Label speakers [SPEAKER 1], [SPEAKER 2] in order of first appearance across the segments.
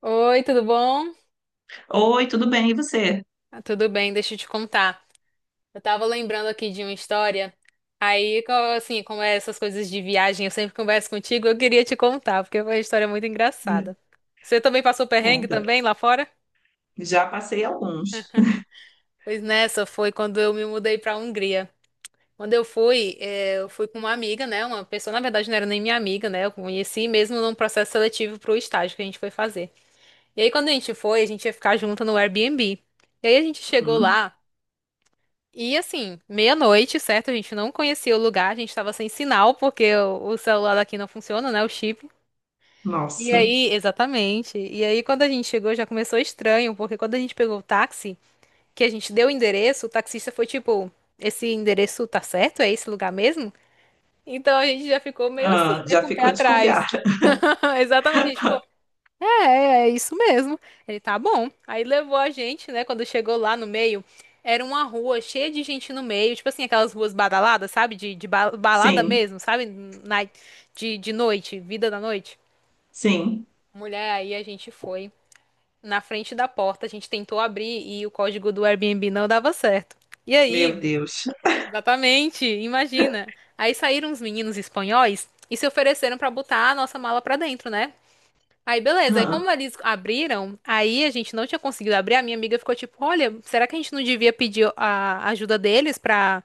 [SPEAKER 1] Oi, tudo bom?
[SPEAKER 2] Oi, tudo bem? E você?
[SPEAKER 1] Ah, tudo bem, deixa eu te contar. Eu tava lembrando aqui de uma história. Aí, co- assim, como é essas coisas de viagem, eu sempre converso contigo, eu queria te contar, porque foi uma história muito engraçada. Você também passou perrengue
[SPEAKER 2] Conta.
[SPEAKER 1] também lá fora?
[SPEAKER 2] Já passei alguns.
[SPEAKER 1] Pois nessa foi quando eu me mudei pra Hungria. Quando eu fui, eu fui com uma amiga, né? Uma pessoa, na verdade, não era nem minha amiga, né? Eu conheci mesmo num processo seletivo pro estágio que a gente foi fazer. E aí, quando a gente foi, a gente ia ficar junto no Airbnb. E aí a gente chegou
[SPEAKER 2] Hum,
[SPEAKER 1] lá. E assim, meia-noite, certo? A gente não conhecia o lugar, a gente tava sem sinal, porque o celular daqui não funciona, né? O chip. E
[SPEAKER 2] nossa.
[SPEAKER 1] aí, exatamente. E aí, quando a gente chegou, já começou estranho, porque quando a gente pegou o táxi, que a gente deu o endereço, o taxista foi tipo: Esse endereço tá certo? É esse lugar mesmo? Então a gente já ficou meio assim,
[SPEAKER 2] Ah,
[SPEAKER 1] né?
[SPEAKER 2] já
[SPEAKER 1] Com o pé
[SPEAKER 2] ficou
[SPEAKER 1] atrás.
[SPEAKER 2] desconfiada.
[SPEAKER 1] Exatamente, a gente ficou. É, é isso mesmo. Ele tá bom. Aí levou a gente, né? Quando chegou lá no meio, era uma rua cheia de gente no meio, tipo assim, aquelas ruas badaladas, sabe? De balada
[SPEAKER 2] Sim,
[SPEAKER 1] mesmo, sabe? De noite, vida da noite.
[SPEAKER 2] sim.
[SPEAKER 1] Mulher, aí a gente foi na frente da porta, a gente tentou abrir e o código do Airbnb não dava certo. E aí,
[SPEAKER 2] Meu Deus.
[SPEAKER 1] exatamente, imagina. Aí saíram uns meninos espanhóis e se ofereceram pra botar a nossa mala pra dentro, né? Aí, beleza. Aí, como
[SPEAKER 2] Ah,
[SPEAKER 1] eles abriram, aí a gente não tinha conseguido abrir. A minha amiga ficou tipo: Olha, será que a gente não devia pedir a ajuda deles pra,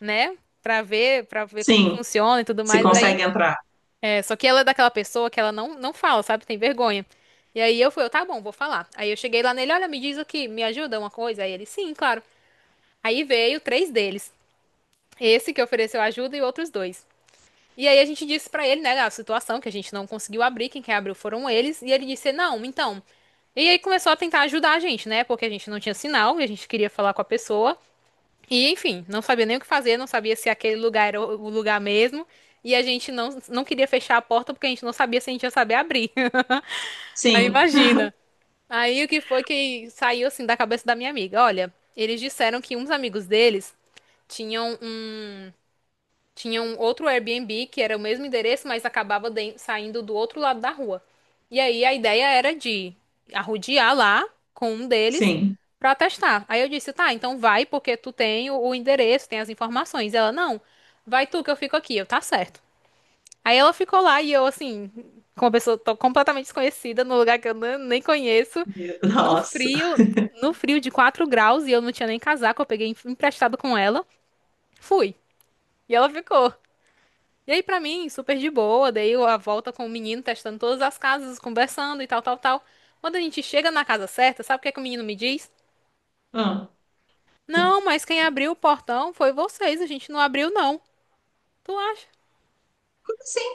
[SPEAKER 1] né? Pra ver como
[SPEAKER 2] sim,
[SPEAKER 1] funciona e tudo
[SPEAKER 2] se
[SPEAKER 1] mais. Aí,
[SPEAKER 2] consegue entrar.
[SPEAKER 1] é, só que ela é daquela pessoa que ela não fala, sabe? Tem vergonha. E aí eu fui: eu, Tá bom, vou falar. Aí eu cheguei lá nele: Olha, me diz aqui, me ajuda uma coisa? Aí ele: Sim, claro. Aí veio três deles: esse que ofereceu ajuda e outros dois. E aí a gente disse pra ele, né, a situação que a gente não conseguiu abrir, quem quer abriu foram eles, e ele disse: "Não, então, e aí começou a tentar ajudar a gente, né? Porque a gente não tinha sinal, a gente queria falar com a pessoa. E enfim, não sabia nem o que fazer, não sabia se aquele lugar era o lugar mesmo. E a gente não queria fechar a porta porque a gente não sabia se a gente ia saber abrir. Aí
[SPEAKER 2] Sim,
[SPEAKER 1] imagina. Aí o que foi que saiu assim da cabeça da minha amiga? Olha, eles disseram que uns amigos deles tinham um tinha um outro Airbnb que era o mesmo endereço, mas acabava saindo do outro lado da rua. E aí a ideia era de arrodear lá com um deles
[SPEAKER 2] sim.
[SPEAKER 1] pra testar. Aí eu disse, tá, então vai porque tu tem o endereço, tem as informações. Ela, não, vai tu que eu fico aqui. Eu, tá certo. Aí ela ficou lá e eu, assim, com uma pessoa tô completamente desconhecida, num lugar que eu nem conheço, no
[SPEAKER 2] Nossa.
[SPEAKER 1] frio, no frio de 4 graus e eu não tinha nem casaco, eu peguei emprestado com ela. Fui. E ela ficou. E aí, pra mim, super de boa, dei a volta com o menino, testando todas as casas, conversando e tal, tal, tal. Quando a gente chega na casa certa, sabe o que é que o menino me diz?
[SPEAKER 2] Ah, o-
[SPEAKER 1] Não, mas quem abriu o portão foi vocês, a gente não abriu, não. Tu acha?
[SPEAKER 2] como assim?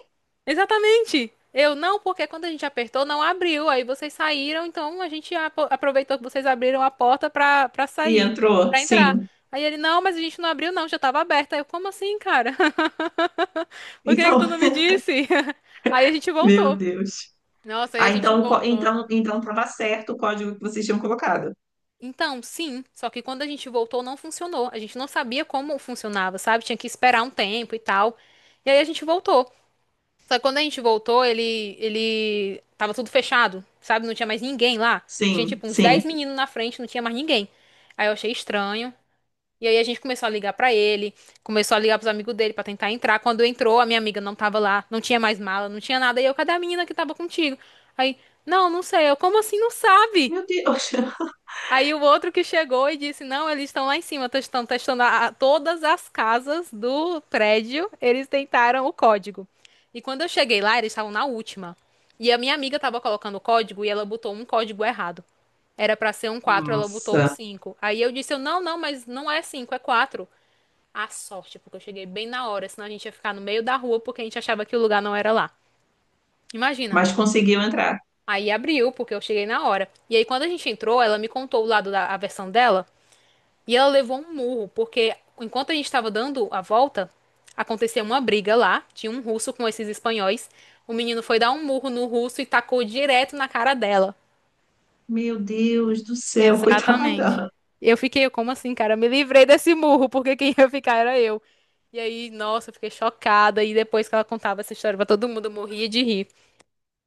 [SPEAKER 1] Exatamente! Eu não, porque quando a gente apertou, não abriu. Aí vocês saíram, então a gente aproveitou que vocês abriram a porta pra
[SPEAKER 2] E
[SPEAKER 1] sair,
[SPEAKER 2] entrou?
[SPEAKER 1] pra entrar.
[SPEAKER 2] Sim.
[SPEAKER 1] Aí ele, não, mas a gente não abriu, não, já tava aberta. Eu, como assim, cara? Por que que
[SPEAKER 2] Então,
[SPEAKER 1] tu não me disse? Aí a gente
[SPEAKER 2] meu
[SPEAKER 1] voltou.
[SPEAKER 2] Deus.
[SPEAKER 1] Nossa, aí a
[SPEAKER 2] Ah,
[SPEAKER 1] gente
[SPEAKER 2] então, co-
[SPEAKER 1] voltou.
[SPEAKER 2] então, então estava certo o código que vocês tinham colocado.
[SPEAKER 1] Então, sim, só que quando a gente voltou não funcionou. A gente não sabia como funcionava, sabe? Tinha que esperar um tempo e tal. E aí a gente voltou. Só que quando a gente voltou, ele tava tudo fechado, sabe? Não tinha mais ninguém lá. Tinha
[SPEAKER 2] Sim,
[SPEAKER 1] tipo uns
[SPEAKER 2] sim.
[SPEAKER 1] 10 meninos na frente, não tinha mais ninguém. Aí eu achei estranho. E aí a gente começou a ligar pra ele, começou a ligar pros amigos dele pra tentar entrar. Quando entrou, a minha amiga não tava lá, não tinha mais mala, não tinha nada. E eu, cadê a menina que tava contigo? Aí, não, não sei. Eu, como assim não sabe?
[SPEAKER 2] Meu Deus.
[SPEAKER 1] Aí o outro que chegou e disse: Não, eles estão lá em cima, estão testando todas as casas do prédio. Eles tentaram o código. E quando eu cheguei lá, eles estavam na última. E a minha amiga estava colocando o código e ela botou um código errado. Era pra ser um 4, ela botou um
[SPEAKER 2] Nossa.
[SPEAKER 1] 5. Aí eu disse: eu, Não, não, mas não é 5 é 4. A sorte, porque eu cheguei bem na hora, senão a gente ia ficar no meio da rua porque a gente achava que o lugar não era lá. Imagina.
[SPEAKER 2] Mas conseguiu entrar.
[SPEAKER 1] Aí abriu, porque eu cheguei na hora. E aí, quando a gente entrou, ela me contou o lado da a versão dela. E ela levou um murro, porque enquanto a gente estava dando a volta, aconteceu uma briga lá, tinha um russo com esses espanhóis. O menino foi dar um murro no russo e tacou direto na cara dela.
[SPEAKER 2] Meu Deus do céu,
[SPEAKER 1] Exatamente.
[SPEAKER 2] coitada.
[SPEAKER 1] Eu fiquei, como assim, cara? Eu me livrei desse murro, porque quem ia ficar era eu. E aí, nossa, eu fiquei chocada. E depois que ela contava essa história pra todo mundo, eu morria de rir.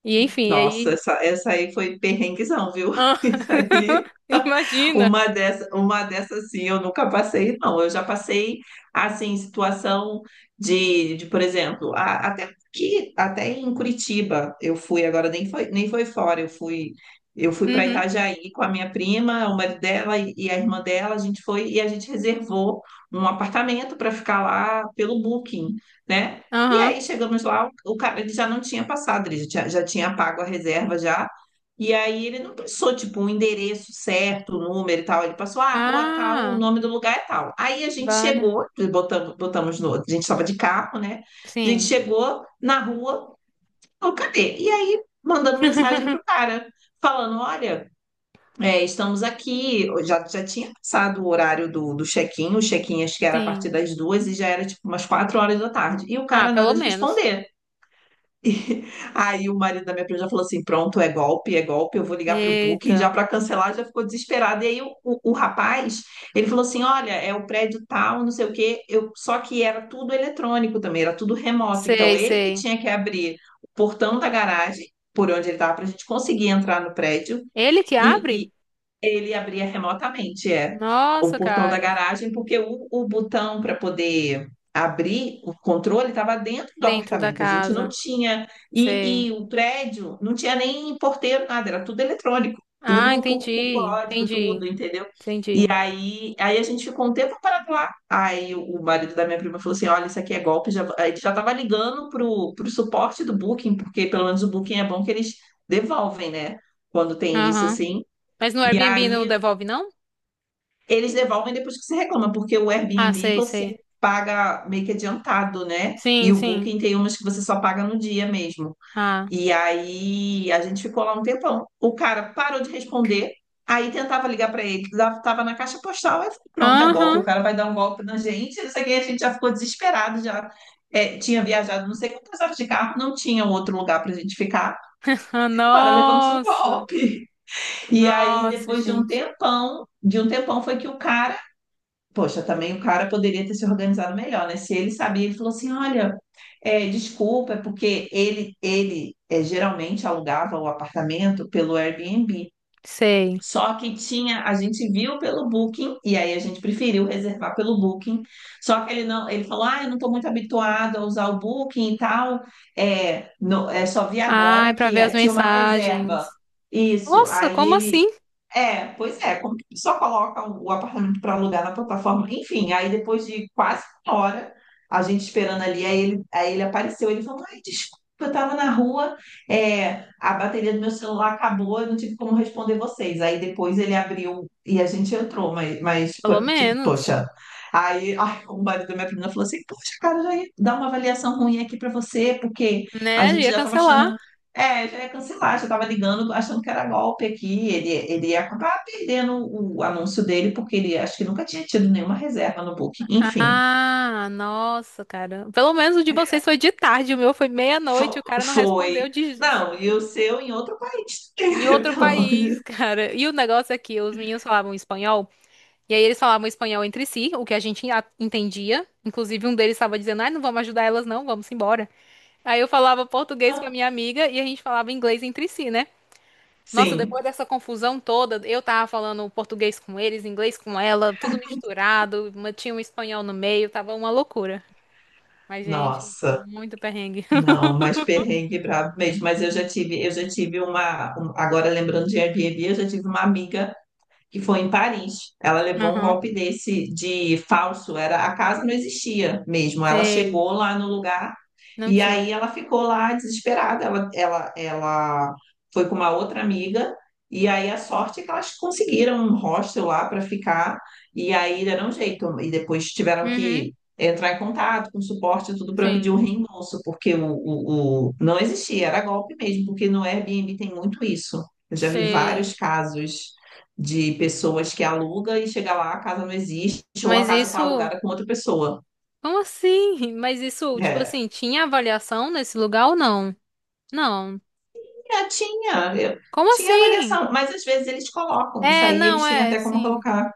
[SPEAKER 1] E enfim,
[SPEAKER 2] Nossa,
[SPEAKER 1] aí.
[SPEAKER 2] essa aí foi perrenguezão, viu?
[SPEAKER 1] Ah,
[SPEAKER 2] Isso aí.
[SPEAKER 1] imagina!
[SPEAKER 2] Uma dessas assim, eu nunca passei, não. Eu já passei assim, situação de, por exemplo, até que até em Curitiba eu fui agora, nem foi fora, eu fui para
[SPEAKER 1] Uhum.
[SPEAKER 2] Itajaí com a minha prima, o marido dela e a irmã dela. A gente foi e a gente reservou um apartamento para ficar lá pelo Booking, né? E
[SPEAKER 1] Aham.
[SPEAKER 2] aí chegamos lá, o cara, ele já não tinha passado, ele já tinha pago a reserva já. E aí ele não passou, tipo, um endereço certo, um número e tal. Ele passou, ah, rua tal, o
[SPEAKER 1] Ah,
[SPEAKER 2] nome do lugar é tal. Aí a gente
[SPEAKER 1] vale.
[SPEAKER 2] chegou, botamos, botamos no, a gente estava de carro, né? A gente
[SPEAKER 1] Sim.
[SPEAKER 2] chegou na rua, falou, cadê? E aí, mandando mensagem pro cara, falando, olha, estamos aqui. Já tinha passado o horário do check-in. O check-in acho que era a
[SPEAKER 1] Sim.
[SPEAKER 2] partir das duas e já era, tipo, umas quatro horas da tarde. E o
[SPEAKER 1] Ah,
[SPEAKER 2] cara
[SPEAKER 1] pelo
[SPEAKER 2] nada de
[SPEAKER 1] menos.
[SPEAKER 2] responder. Aí o marido da minha prima já falou assim: pronto, é golpe, eu vou ligar para o Booking já
[SPEAKER 1] Eita,
[SPEAKER 2] para cancelar, já ficou desesperado. E aí o rapaz, ele falou assim: olha, é o prédio tal, não sei o quê, só que era tudo eletrônico também, era tudo remoto. Então
[SPEAKER 1] sei,
[SPEAKER 2] ele que
[SPEAKER 1] sei.
[SPEAKER 2] tinha que abrir o portão da garagem, por onde ele estava, para a gente conseguir entrar no prédio,
[SPEAKER 1] Ele que abre?
[SPEAKER 2] e, ele abria remotamente, o
[SPEAKER 1] Nossa,
[SPEAKER 2] portão da
[SPEAKER 1] cara.
[SPEAKER 2] garagem, porque o botão para poder abrir o controle estava dentro do
[SPEAKER 1] Dentro da
[SPEAKER 2] apartamento. A gente não
[SPEAKER 1] casa.
[SPEAKER 2] tinha. E,
[SPEAKER 1] Sei.
[SPEAKER 2] e o prédio não tinha nem porteiro, nada, era tudo eletrônico,
[SPEAKER 1] Ah,
[SPEAKER 2] tudo por,
[SPEAKER 1] entendi,
[SPEAKER 2] por código,
[SPEAKER 1] entendi,
[SPEAKER 2] tudo, entendeu? E
[SPEAKER 1] entendi.
[SPEAKER 2] aí, aí a gente ficou um tempo parado lá. Aí o marido da minha prima falou assim: olha, isso aqui é golpe. Já, aí ele já estava ligando pro suporte do Booking, porque pelo menos o Booking é bom que eles devolvem, né? Quando tem isso
[SPEAKER 1] Aham.
[SPEAKER 2] assim.
[SPEAKER 1] Mas no
[SPEAKER 2] E
[SPEAKER 1] Airbnb não
[SPEAKER 2] aí
[SPEAKER 1] devolve, não?
[SPEAKER 2] eles devolvem depois que você reclama, porque o
[SPEAKER 1] Ah,
[SPEAKER 2] Airbnb
[SPEAKER 1] sei, sei.
[SPEAKER 2] você paga meio que adiantado, né? E
[SPEAKER 1] Sim,
[SPEAKER 2] o
[SPEAKER 1] sim.
[SPEAKER 2] Booking tem umas que você só paga no dia mesmo.
[SPEAKER 1] Ah.
[SPEAKER 2] E aí a gente ficou lá um tempão. O cara parou de responder, aí tentava ligar para ele, lá tava na caixa postal. Aí eu falei, pronto, é golpe,
[SPEAKER 1] Aham.
[SPEAKER 2] o cara vai dar um golpe na gente. Não sei o que, a gente já ficou desesperado, já tinha viajado não sei quantas horas de carro, não tinha outro lugar para gente ficar.
[SPEAKER 1] Ah,
[SPEAKER 2] Cara, levamos um
[SPEAKER 1] nossa.
[SPEAKER 2] golpe. E aí
[SPEAKER 1] Nossa,
[SPEAKER 2] depois
[SPEAKER 1] gente.
[SPEAKER 2] de um tempão foi que o cara... Poxa, também o cara poderia ter se organizado melhor, né? Se ele sabia. Ele falou assim: olha, desculpa, é porque ele geralmente alugava o apartamento pelo Airbnb.
[SPEAKER 1] Sei.
[SPEAKER 2] Só que tinha, a gente viu pelo Booking, e aí a gente preferiu reservar pelo Booking. Só que ele não, ele falou: ah, eu não estou muito habituado a usar o Booking e tal. Só vi
[SPEAKER 1] Ai,
[SPEAKER 2] agora
[SPEAKER 1] pra
[SPEAKER 2] que
[SPEAKER 1] ver as
[SPEAKER 2] tinha uma reserva.
[SPEAKER 1] mensagens.
[SPEAKER 2] Isso.
[SPEAKER 1] Nossa,
[SPEAKER 2] Aí
[SPEAKER 1] como
[SPEAKER 2] ele,
[SPEAKER 1] assim?
[SPEAKER 2] pois é, como que a pessoa coloca o apartamento para alugar na plataforma? Enfim, aí depois de quase uma hora, a gente esperando ali, aí ele apareceu. Ele falou, ai, desculpa, eu estava na rua, a bateria do meu celular acabou, eu não tive como responder vocês. Aí depois ele abriu e a gente entrou, mas, mas
[SPEAKER 1] Pelo
[SPEAKER 2] po- tipo,
[SPEAKER 1] menos,
[SPEAKER 2] poxa. Aí, ai, o marido da minha prima falou assim, poxa, cara, já ia dar uma avaliação ruim aqui para você, porque a
[SPEAKER 1] né?
[SPEAKER 2] gente
[SPEAKER 1] Ia
[SPEAKER 2] já estava
[SPEAKER 1] cancelar.
[SPEAKER 2] achando já ia cancelar, já estava ligando, achando que era golpe aqui. Ele ia acabar perdendo o anúncio dele, porque ele acho que nunca tinha tido nenhuma reserva no Booking. Enfim,
[SPEAKER 1] Ah, nossa, cara. Pelo menos o de vocês foi de tarde, o meu foi meia-noite, o cara não
[SPEAKER 2] foi.
[SPEAKER 1] respondeu de,
[SPEAKER 2] Não,
[SPEAKER 1] tipo
[SPEAKER 2] e o
[SPEAKER 1] assim,
[SPEAKER 2] seu em outro país.
[SPEAKER 1] em outro
[SPEAKER 2] Pelo amor.
[SPEAKER 1] país, cara. E o negócio é que os meninos falavam espanhol, e aí eles falavam espanhol entre si, o que a gente entendia. Inclusive, um deles estava dizendo, ai, não vamos ajudar elas, não, vamos embora. Aí eu falava português com a minha amiga e a gente falava inglês entre si, né? Nossa,
[SPEAKER 2] Sim,
[SPEAKER 1] depois dessa confusão toda, eu tava falando português com eles, inglês com ela, tudo misturado, mas tinha um espanhol no meio, tava uma loucura. Mas, gente,
[SPEAKER 2] nossa.
[SPEAKER 1] muito perrengue.
[SPEAKER 2] Não, mas perrengue brabo mesmo. Mas eu já tive uma. Agora lembrando de Airbnb, eu já tive uma amiga que foi em Paris. Ela levou um
[SPEAKER 1] Aham,
[SPEAKER 2] golpe desse de falso, era... A casa não existia mesmo. Ela
[SPEAKER 1] sei.
[SPEAKER 2] chegou lá no lugar
[SPEAKER 1] Não
[SPEAKER 2] e
[SPEAKER 1] tinha.
[SPEAKER 2] aí ela ficou lá desesperada. Ela foi com uma outra amiga e aí a sorte é que elas conseguiram um hostel lá para ficar. E aí deram um jeito e depois tiveram
[SPEAKER 1] Uhum,
[SPEAKER 2] que entrar em contato com suporte e tudo para
[SPEAKER 1] sim,
[SPEAKER 2] pedir um reembolso, porque o não existia, era golpe mesmo, porque no Airbnb tem muito isso. Eu já vi
[SPEAKER 1] sei.
[SPEAKER 2] vários casos de pessoas que aluga e chega lá, a casa não existe, ou a
[SPEAKER 1] Mas
[SPEAKER 2] casa está
[SPEAKER 1] isso.
[SPEAKER 2] alugada com outra pessoa.
[SPEAKER 1] Como assim? Mas isso, tipo
[SPEAKER 2] É,
[SPEAKER 1] assim, tinha avaliação nesse lugar ou não? Não.
[SPEAKER 2] é,
[SPEAKER 1] Como
[SPEAKER 2] tinha
[SPEAKER 1] assim?
[SPEAKER 2] avaliação, mas às vezes eles colocam, isso
[SPEAKER 1] É,
[SPEAKER 2] aí
[SPEAKER 1] não,
[SPEAKER 2] eles têm
[SPEAKER 1] é,
[SPEAKER 2] até como
[SPEAKER 1] sim.
[SPEAKER 2] colocar,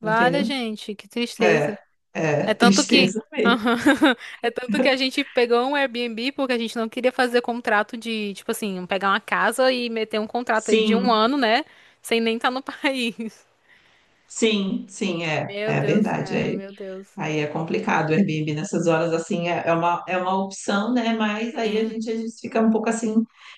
[SPEAKER 1] Vale,
[SPEAKER 2] entendeu?
[SPEAKER 1] gente, que tristeza.
[SPEAKER 2] É, é,
[SPEAKER 1] É tanto que.
[SPEAKER 2] tristeza mesmo.
[SPEAKER 1] Aham. É tanto que a gente pegou um Airbnb porque a gente não queria fazer contrato de, tipo assim, pegar uma casa e meter um contrato aí de um
[SPEAKER 2] Sim,
[SPEAKER 1] ano, né? Sem nem estar no país.
[SPEAKER 2] sim, sim, é,
[SPEAKER 1] Meu
[SPEAKER 2] é
[SPEAKER 1] Deus,
[SPEAKER 2] verdade.
[SPEAKER 1] cara,
[SPEAKER 2] É.
[SPEAKER 1] meu Deus.
[SPEAKER 2] Aí é complicado, o Airbnb nessas horas, assim, é uma opção, né? Mas aí a
[SPEAKER 1] Sim,
[SPEAKER 2] gente, a gente fica um pouco assim,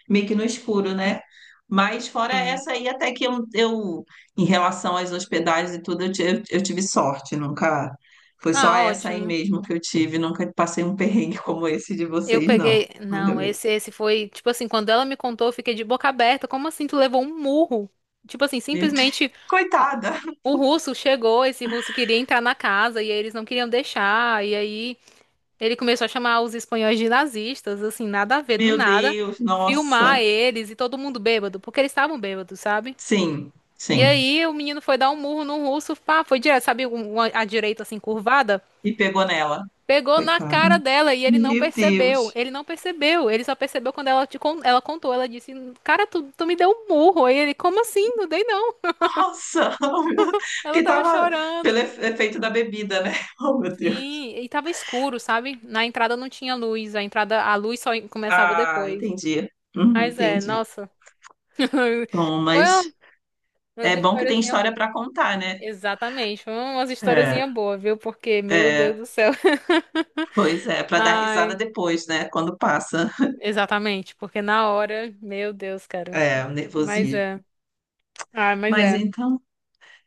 [SPEAKER 2] meio que no escuro, né? Mas fora
[SPEAKER 1] sim.
[SPEAKER 2] essa aí, até que eu em relação às hospedagens e tudo, eu tive sorte, nunca... Foi só
[SPEAKER 1] Ah,
[SPEAKER 2] essa aí
[SPEAKER 1] ótimo.
[SPEAKER 2] mesmo que eu tive, nunca passei um perrengue como esse de
[SPEAKER 1] Eu
[SPEAKER 2] vocês, não.
[SPEAKER 1] peguei.
[SPEAKER 2] Ainda
[SPEAKER 1] Não,
[SPEAKER 2] bem.
[SPEAKER 1] esse foi. Tipo assim, quando ela me contou, eu fiquei de boca aberta. Como assim? Tu levou um murro? Tipo assim,
[SPEAKER 2] Meu Deus,
[SPEAKER 1] simplesmente a-
[SPEAKER 2] coitada!
[SPEAKER 1] o russo chegou. Esse russo queria entrar na casa e aí eles não queriam deixar. E aí ele começou a chamar os espanhóis de nazistas. Assim, nada a ver, do
[SPEAKER 2] Meu
[SPEAKER 1] nada.
[SPEAKER 2] Deus,
[SPEAKER 1] Filmar
[SPEAKER 2] nossa!
[SPEAKER 1] eles e todo mundo bêbado, porque eles estavam bêbados, sabe?
[SPEAKER 2] Sim,
[SPEAKER 1] E
[SPEAKER 2] sim.
[SPEAKER 1] aí o menino foi dar um murro no russo. Pá, foi direto, sabe? A direita assim curvada.
[SPEAKER 2] E pegou nela.
[SPEAKER 1] Pegou na
[SPEAKER 2] Coitado.
[SPEAKER 1] cara dela e ele não
[SPEAKER 2] Meu
[SPEAKER 1] percebeu.
[SPEAKER 2] Deus.
[SPEAKER 1] Ele não percebeu. Ele só percebeu quando ela, ela contou. Ela disse: Cara, tu me deu um murro. Aí ele: Como assim? Não dei não.
[SPEAKER 2] Nossa, oh, meu Deus.
[SPEAKER 1] Ela
[SPEAKER 2] Porque
[SPEAKER 1] tava
[SPEAKER 2] tava pelo
[SPEAKER 1] chorando.
[SPEAKER 2] efeito da bebida, né? Oh, meu Deus.
[SPEAKER 1] Sim, e tava escuro, sabe? Na entrada não tinha luz. A entrada, a luz só começava
[SPEAKER 2] Ah,
[SPEAKER 1] depois.
[SPEAKER 2] entendi. Uhum,
[SPEAKER 1] Mas é,
[SPEAKER 2] entendi.
[SPEAKER 1] nossa.
[SPEAKER 2] Bom,
[SPEAKER 1] Foi uma-
[SPEAKER 2] mas
[SPEAKER 1] umas
[SPEAKER 2] é bom que tem
[SPEAKER 1] historiazinhas
[SPEAKER 2] história
[SPEAKER 1] boas.
[SPEAKER 2] para contar, né?
[SPEAKER 1] Exatamente, foi umas
[SPEAKER 2] É,
[SPEAKER 1] historiazinhas boas, viu? Porque, meu Deus
[SPEAKER 2] é,
[SPEAKER 1] do céu.
[SPEAKER 2] pois é, para dar risada
[SPEAKER 1] Ai,
[SPEAKER 2] depois, né? Quando passa,
[SPEAKER 1] exatamente, porque na hora, meu Deus, cara.
[SPEAKER 2] o
[SPEAKER 1] Mas
[SPEAKER 2] nervosismo.
[SPEAKER 1] é. Ah, mas
[SPEAKER 2] Mas
[SPEAKER 1] é.
[SPEAKER 2] então,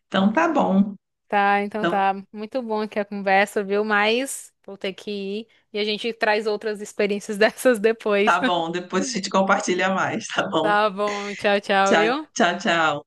[SPEAKER 2] então tá bom.
[SPEAKER 1] Tá, então
[SPEAKER 2] Então
[SPEAKER 1] tá. Muito bom aqui a conversa, viu? Mas vou ter que ir e a gente traz outras experiências dessas depois.
[SPEAKER 2] tá bom, depois a gente compartilha mais, tá bom?
[SPEAKER 1] Tá bom, tchau, tchau,
[SPEAKER 2] Tchau,
[SPEAKER 1] viu?
[SPEAKER 2] tchau, tchau.